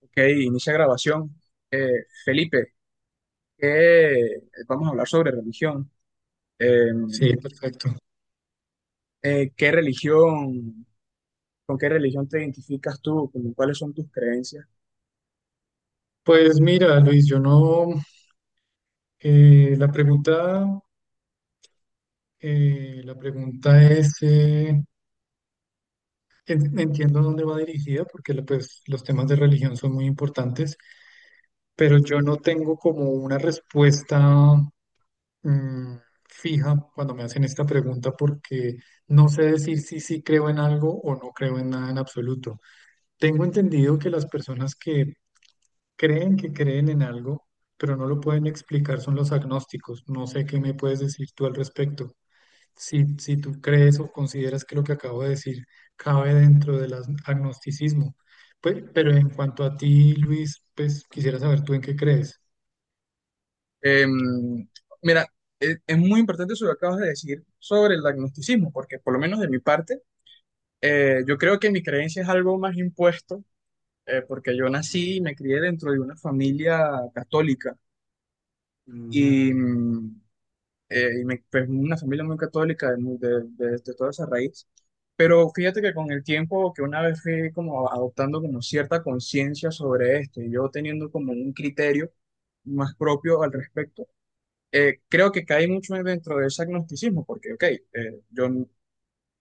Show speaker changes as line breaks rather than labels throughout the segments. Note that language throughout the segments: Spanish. Ok, inicia grabación. Felipe, ¿qué- vamos a hablar sobre religión. Eh,
Sí, perfecto.
¿Qué religión, con qué religión te identificas tú? ¿Con ¿cuáles son tus creencias?
Pues mira, Luis, yo no, eh, la pregunta, la pregunta es, entiendo dónde va dirigida, porque pues, los temas de religión son muy importantes, pero yo no tengo como una respuesta mm, fija cuando me hacen esta pregunta, porque no sé decir si sí creo en algo o no creo en nada en absoluto. Tengo entendido que las personas que creen que creen en algo, pero no lo pueden explicar, son los agnósticos. No sé qué me puedes decir tú al respecto. Si, si tú crees o consideras que lo que acabo de decir cabe dentro del agnosticismo. Pues, pero en cuanto a ti, Luis, pues quisiera saber tú en qué crees.
Eh, mira, es muy importante eso que acabas de decir sobre el agnosticismo, porque por lo menos de mi parte, yo creo que mi creencia es algo más impuesto, porque yo nací y me crié dentro de una familia católica. Y,
Ujú.
pues, una familia muy católica de, de toda esa raíz. Pero fíjate que con el tiempo, que una vez fui como adoptando como cierta conciencia sobre esto y yo teniendo como un criterio más propio al respecto, creo que caí mucho dentro de ese agnosticismo, porque, ok, yo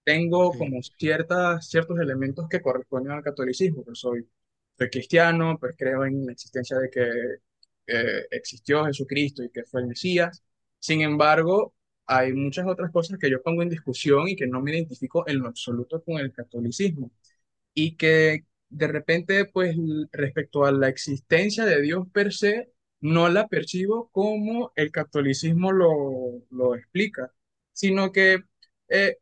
tengo
Sí,
como ciertos elementos que corresponden al catolicismo, pero soy, soy cristiano, pues creo en la existencia de que existió Jesucristo y que fue el Mesías. Sin embargo, hay muchas otras cosas que yo pongo en discusión y que no me identifico en lo absoluto con el catolicismo y que de repente, respecto a la existencia de Dios per se, no la percibo como el catolicismo lo explica, sino que... eh,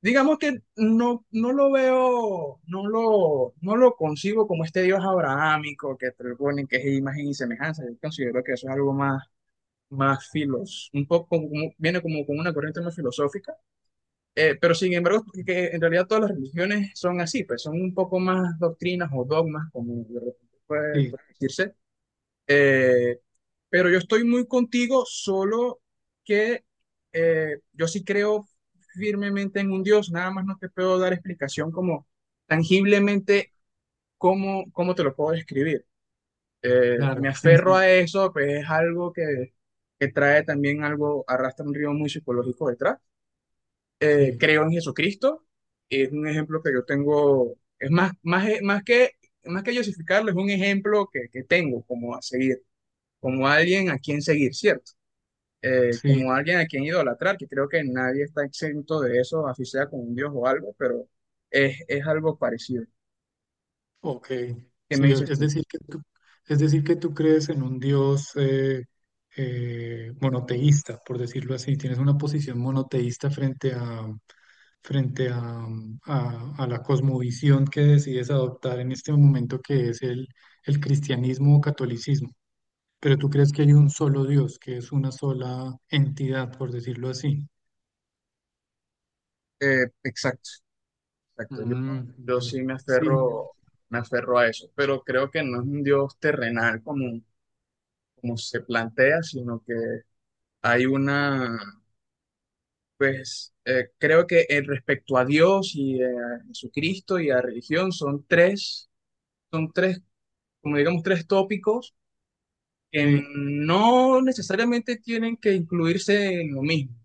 digamos que no, no lo veo, no lo concibo como este Dios abrahámico que propone que es imagen y semejanza. Yo considero que eso es algo más, un poco viene como con una corriente más filosófica. Pero sin embargo, que en realidad todas las religiones son así, pues son un poco más doctrinas o dogmas, como de repente
sí.
puede decirse. eh, pero yo estoy muy contigo, solo que yo sí creo firmemente en un Dios, nada más no te puedo dar explicación como tangiblemente cómo te lo puedo describir. Me
Claro, sí,
aferro
sí.
a eso, pues es algo que trae también algo, arrastra un río muy psicológico detrás.
Sí,
Creo en Jesucristo, es un ejemplo que yo tengo, es más que justificarlo, es un ejemplo que tengo como a seguir, como alguien a quien seguir, ¿cierto?
sí.
Como alguien a quien idolatrar, que creo que nadie está exento de eso, así sea con un dios o algo, pero es algo parecido.
Ok,
¿Qué me
sí,
dices
es
tú?
decir que tú, es decir que tú crees en un Dios, monoteísta, por decirlo así. Tienes una posición monoteísta frente a, frente a, a la cosmovisión que decides adoptar en este momento, que es el cristianismo o catolicismo. Pero tú crees que hay un solo Dios, que es una sola entidad, por decirlo así.
Exacto, exacto. Yo,
Mm,
yo
vale.
sí
Sí,
me aferro a eso, pero creo que no es un dios terrenal como, como se plantea, sino que hay una, pues, creo que respecto a Dios y a Jesucristo y a religión son tres, como digamos, tres tópicos que
sí,
no necesariamente tienen que incluirse en lo mismo.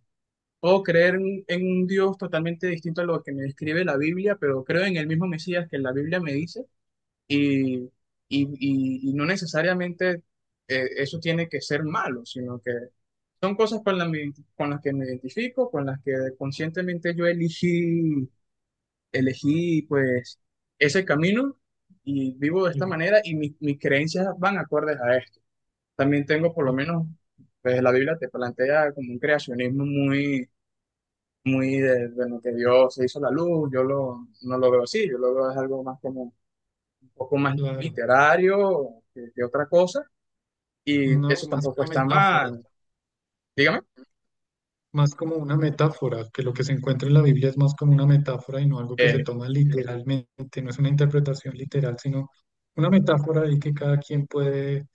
Puedo creer en un Dios totalmente distinto a lo que me describe la Biblia, pero creo en el mismo Mesías que la Biblia me dice y, y no necesariamente eso tiene que ser malo, sino que son cosas con las que me identifico, con las que conscientemente yo elegí, elegí pues ese camino y vivo de esta
sí.
manera y mis creencias van acordes a esto. También tengo por lo
Oh,
menos, pues la Biblia te plantea como un creacionismo muy, muy de lo que Dios se hizo la luz, no lo veo así, yo lo veo es algo más como un poco más
claro.
literario que otra cosa, y
No,
eso
más
tampoco
una
está
metáfora.
mal. Dígame.
Más como una metáfora, que lo que se encuentra en la Biblia es más como una metáfora y no algo que se toma literalmente, no es una interpretación literal, sino una metáfora ahí que cada quien puede,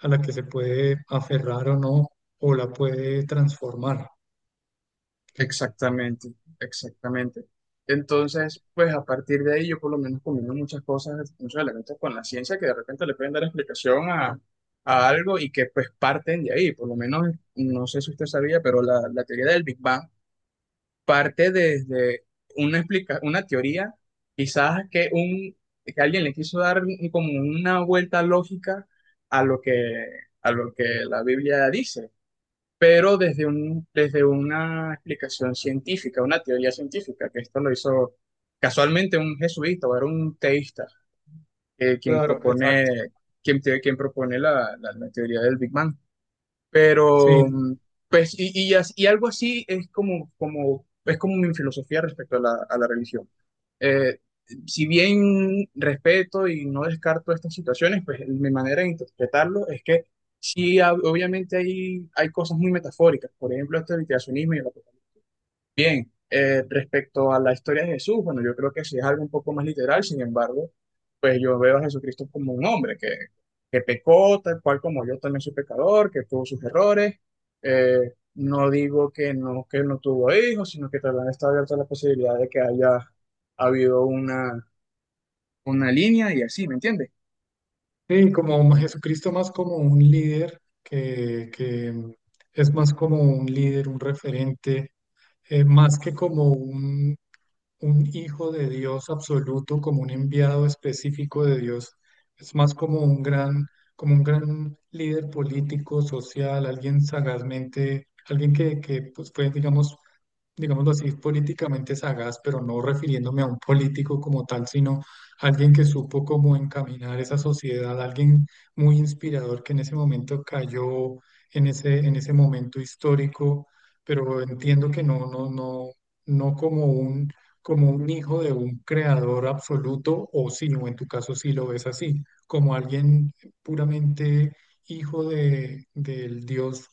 a la que se puede aferrar o no, o la puede transformar. Eh,
Exactamente, exactamente. Entonces, pues a partir de ahí yo por lo menos combino muchas cosas, muchos elementos con la ciencia que de repente le pueden dar explicación a algo y que pues parten de ahí. Por lo menos, no sé si usted sabía, pero la teoría del Big Bang parte desde una, explica una teoría, quizás que, un, que alguien le quiso dar como una vuelta lógica a a lo que la Biblia dice, pero desde un, desde una explicación científica, una teoría científica, que esto lo hizo casualmente un jesuita o era un teísta, quien
Claro,
propone,
exacto.
quien propone la, la teoría del Big Bang. Pero,
Sí,
pues, y algo así es como, como, es como mi filosofía respecto a la religión. Eh, si bien respeto y no descarto estas situaciones, pues mi manera de interpretarlo es que sí, obviamente hay, hay cosas muy metafóricas. Por ejemplo, este del creacionismo y la bien, respecto a la historia de Jesús, bueno, yo creo que sí es algo un poco más literal. Sin embargo, pues yo veo a Jesucristo como un hombre que pecó, tal cual como yo también soy pecador, que tuvo sus errores. No digo que no tuvo hijos, sino que también está abierta la posibilidad de que haya habido una línea y así, ¿me entiendes?
sí, como Jesucristo más como un líder, que es más como un líder, un referente, más que como un hijo de Dios absoluto, como un enviado específico de Dios, es más como un gran líder político, social, alguien sagazmente, alguien que pues fue, digamos, digámoslo así, políticamente sagaz, pero no refiriéndome a un político como tal, sino alguien que supo cómo encaminar esa sociedad, alguien muy inspirador que en ese momento cayó en ese momento histórico, pero entiendo que no, no, no, no como un, como un hijo de un creador absoluto, o sí, o en tu caso sí lo ves así, como alguien puramente hijo de, del Dios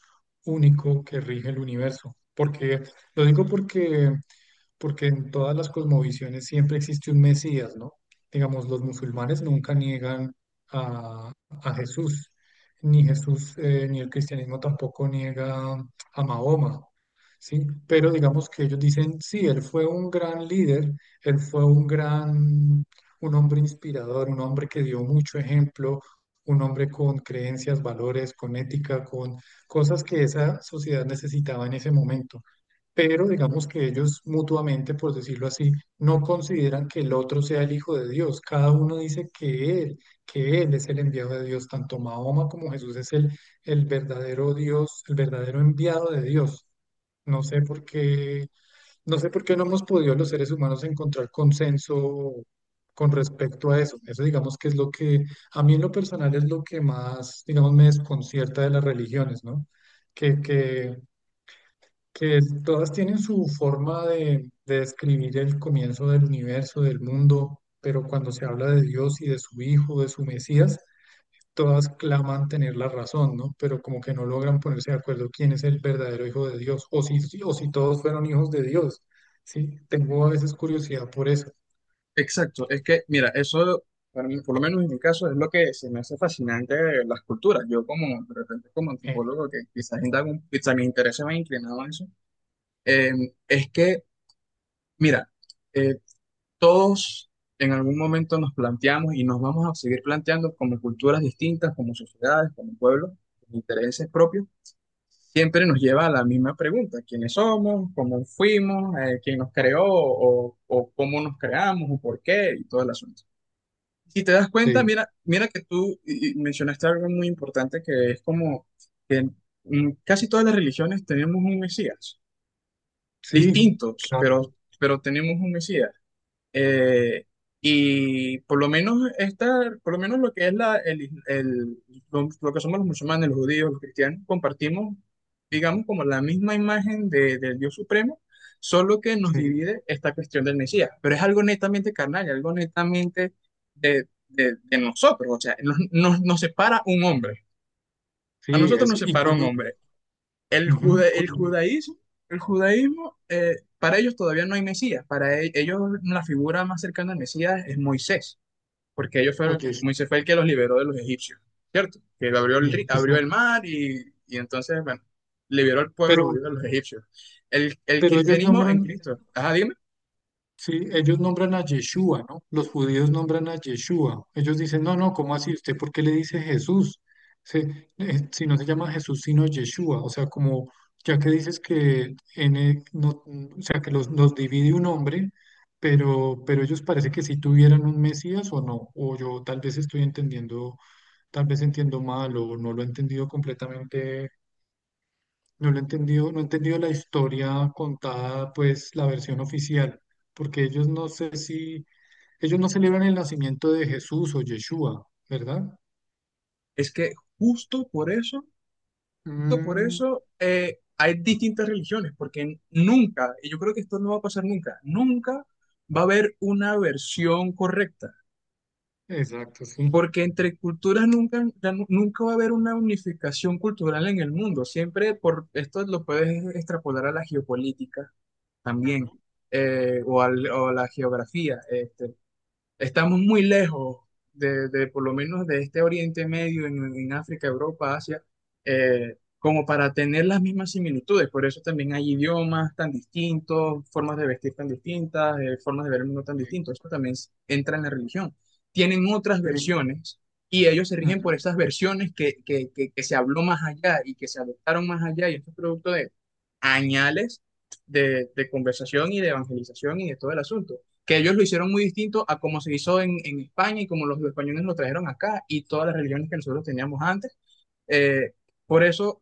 único que rige el universo. Porque lo digo porque porque en todas las cosmovisiones siempre existe un Mesías, ¿no? Digamos, los musulmanes nunca niegan a, a Jesús, ni el cristianismo tampoco niega a Mahoma, ¿sí? Pero digamos que ellos dicen, sí, él fue un gran líder, él fue un gran, un hombre inspirador, un hombre que dio mucho ejemplo, un hombre con creencias, valores, con ética, con cosas que esa sociedad necesitaba en ese momento, pero digamos que ellos mutuamente, por decirlo así, no consideran que el otro sea el Hijo de Dios. Cada uno dice que él es el enviado de Dios. Tanto Mahoma como Jesús es el verdadero Dios, el verdadero enviado de Dios. No sé por qué, no sé por qué no hemos podido los seres humanos encontrar consenso con respecto a eso. Eso digamos que es lo que a mí en lo personal es lo que más, digamos, me desconcierta de las religiones, ¿no? Que, que que es- todas tienen su forma de describir el comienzo del universo, del mundo, pero cuando se habla de Dios y de su Hijo, de su Mesías, todas claman tener la razón, ¿no? Pero como que no logran ponerse de acuerdo quién es el verdadero Hijo de Dios, o si, si- o si todos fueron hijos de Dios, ¿sí? Tengo a veces curiosidad por eso.
Exacto, es que, mira, eso, para mí, por lo menos en mi caso, es lo que se me hace fascinante de las culturas. Yo como, de repente, como
Eh,
antropólogo, que quizás indago quizás mi interés se me ha inclinado a eso, eh, es que, mira, eh, todos en algún momento nos planteamos y nos vamos a seguir planteando como culturas distintas, como sociedades, como pueblos, con intereses propios, siempre nos lleva a la misma pregunta. ¿Quiénes somos? ¿Cómo fuimos? ¿Quién nos creó? ¿O cómo nos creamos? ¿O por qué? Y todas las, si te das cuenta,
sí,
mira, mira que y mencionaste algo muy importante, que es como que en casi todas las religiones tenemos un Mesías,
sí,
distintos,
claro,
pero tenemos un Mesías. Eh, y por lo menos esta, por lo menos lo que es la, el, is- el- lo que somos los musulmanes, los judíos, los cristianos, compartimos, digamos, como la misma imagen de, del Dios supremo, solo que nos
sí,
divide esta cuestión del Mesías. Pero es algo netamente carnal, y algo netamente de nosotros. O sea, nos separa un hombre. A
sí,
nosotros nos
eso. Y
separa
con,
un
un-
hombre.
ujú,
El
con un-
judaísmo, el judaísmo, para ellos todavía no hay Mesías. Para ellos la figura más cercana al Mesías es Moisés, porque ellos fueron,
oye, sí,
Moisés fue el que los liberó de los egipcios, ¿cierto? Que le abrió abrió el
exacto.
mar y entonces, bueno, liberó al
Pero,
pueblo, liberó a los egipcios. El
pero ellos
cristianismo en
nombran,
Cristo, ajá, dime,
sí, ellos nombran a Yeshua, ¿no? Los judíos nombran a Yeshua. Ellos dicen, no, no, ¿cómo así? ¿Usted por qué le dice Jesús? Si no se llama Jesús, sino Yeshua. O sea, como ya que dices que en no, mm, o sea, que los divide un hombre, pero ellos parece que sí tuvieran un Mesías o no. O yo tal vez estoy entendiendo, tal vez entiendo mal o no lo he entendido completamente, no lo he entendido, no he entendido la historia contada, pues la versión oficial, porque ellos no sé si, ellos no celebran el nacimiento de Jesús o Yeshua, ¿verdad?
es que justo por eso, justo por
Mm,
eso, hay distintas religiones, porque nunca, y yo creo que esto no va a pasar nunca, nunca va a haber una versión correcta.
exacto, sí.
Porque entre culturas nunca, nunca va a haber una unificación cultural en el mundo. Siempre, por esto lo puedes extrapolar a la geopolítica también, o a la geografía. Este, estamos muy lejos de por lo menos de este Oriente Medio, en África, Europa, Asia, como para tener las mismas similitudes. Por eso también hay idiomas tan distintos, formas de vestir tan distintas, formas de ver el mundo tan
Sí,
distintos. Eso también entra en la religión. Tienen otras
sí,
versiones y ellos se rigen por
ujú,
esas versiones que se habló más allá y que se adoptaron más allá, y esto es producto de añales de conversación y de evangelización y de todo el asunto, que ellos lo hicieron muy distinto a como se hizo en España y como los españoles lo trajeron acá y todas las religiones que nosotros teníamos antes. Eh, por eso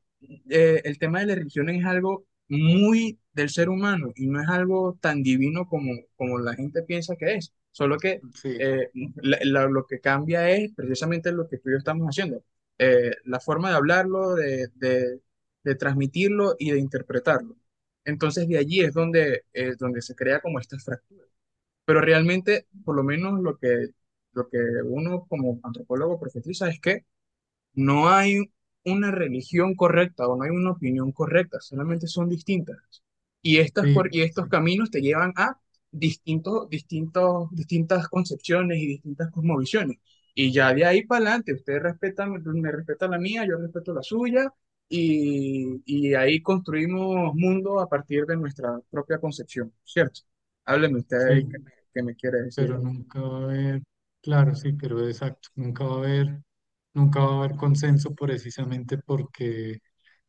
el tema de la religión es algo muy del ser humano y no es algo tan divino como, como la gente piensa que es, solo que
sí,
eh, lo que cambia es precisamente lo que tú y yo estamos haciendo, la forma de hablarlo, de transmitirlo y de interpretarlo. Entonces de allí es
sí,
donde, donde se crea como estas fracturas, pero realmente, por lo menos lo que uno como antropólogo profetiza es que no hay una religión correcta o no hay una opinión correcta, solamente son distintas. Y,
sí,
y estos
exacto,
caminos te llevan a distintos, distintas concepciones y distintas cosmovisiones. Y ya de ahí para adelante, ustedes respetan, me respeta la mía, yo respeto la suya, y ahí construimos mundo a partir de nuestra propia concepción, ¿cierto? Hábleme usted,
sí,
qué me quiere decir.
pero nunca va a haber, claro, sí, pero exacto, nunca va a haber, nunca va a haber consenso precisamente porque,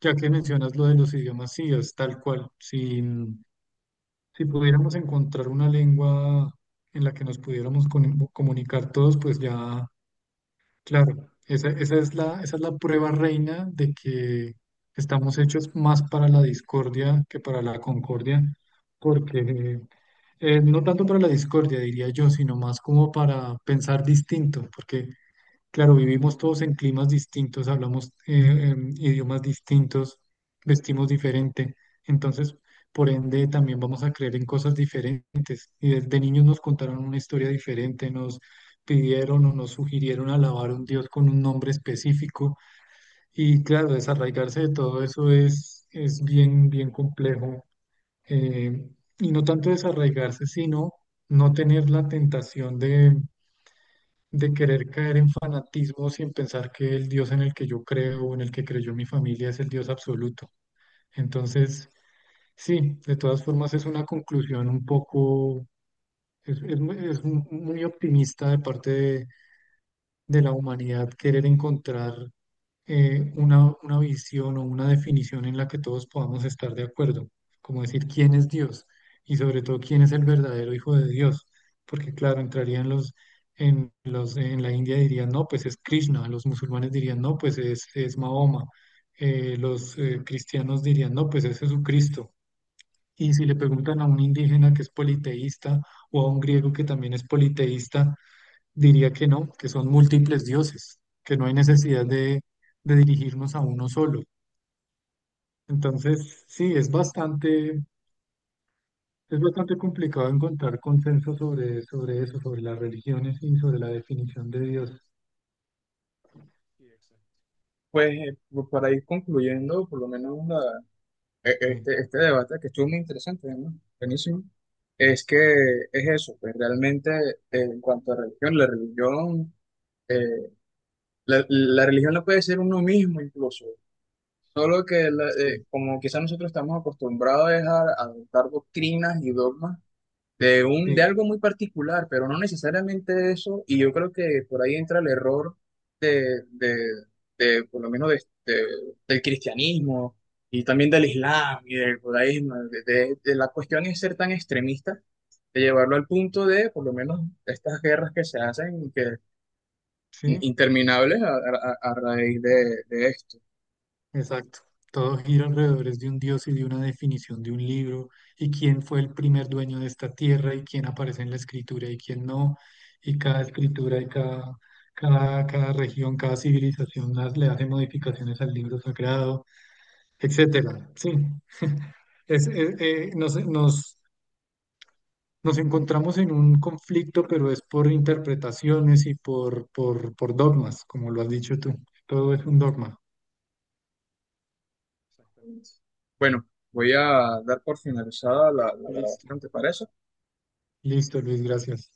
ya que mencionas lo de los idiomas, sí, es tal cual, sí. Si pudiéramos encontrar una lengua en la que nos pudiéramos comunicar todos, pues ya, claro, esa, esa es la prueba reina de que estamos hechos más para la discordia que para la concordia, porque no tanto para la discordia, diría yo, sino más como para pensar distinto, porque, claro, vivimos todos en climas distintos, hablamos idiomas distintos, vestimos diferente, entonces, por ende, también vamos a creer en cosas diferentes y desde niños nos contaron una historia diferente, nos pidieron o nos sugirieron alabar a un Dios con un nombre específico. Y claro, desarraigarse de todo eso es bien, bien complejo. Eh, y no tanto desarraigarse, sino no tener la tentación de querer caer en fanatismo sin pensar que el Dios en el que yo creo o en el que creyó mi familia es el Dios absoluto. Entonces, sí, de todas formas es una conclusión un poco. Es, muy optimista de parte de la humanidad querer encontrar una visión o una definición en la que todos podamos estar de acuerdo, como decir quién es Dios y sobre todo quién es el verdadero hijo de Dios, porque claro, entrarían los, en la India dirían no, pues es Krishna, los musulmanes dirían no, pues es Mahoma, los cristianos dirían no, pues es Jesucristo. Y si le preguntan a un indígena que es politeísta o a un griego que también es politeísta, diría que no, que son múltiples dioses, que no hay necesidad de dirigirnos a uno solo. Entonces, sí, es bastante complicado encontrar consenso sobre, sobre eso, sobre las religiones y sobre la definición de Dios.
Sí, exacto. Pues para ir concluyendo, por lo menos
Sí,
este, este debate que estuvo muy interesante, ¿no? Buenísimo. Es que es eso, pues, realmente en cuanto a religión, la religión, eh, la religión la puede ser uno mismo incluso, solo que
sí,
como quizás nosotros estamos acostumbrados es a adoptar doctrinas y dogmas de un, de
sí,
algo muy particular, pero no necesariamente eso, y yo creo que por ahí entra el error de, de, por lo menos de- del cristianismo y también del islam y del judaísmo, de la cuestión es ser tan extremista, de llevarlo al punto de, por lo menos, estas guerras que se hacen, y que
sí.
interminables a raíz de esto.
Exacto. Todo gira alrededor es de un dios y de una definición de un libro, y quién fue el primer dueño de esta tierra, y quién aparece en la escritura y quién no, y cada escritura y cada, cada, cada región, cada civilización las- le hace modificaciones al libro sagrado, etcétera. Sí, es, nos, nos, nos encontramos en un conflicto, pero es por interpretaciones y por dogmas, como lo has dicho tú. Todo es un dogma.
Exactamente. Bueno, voy a dar por finalizada la
Listo.
grabación, ¿te parece?
Listo, Luis, gracias.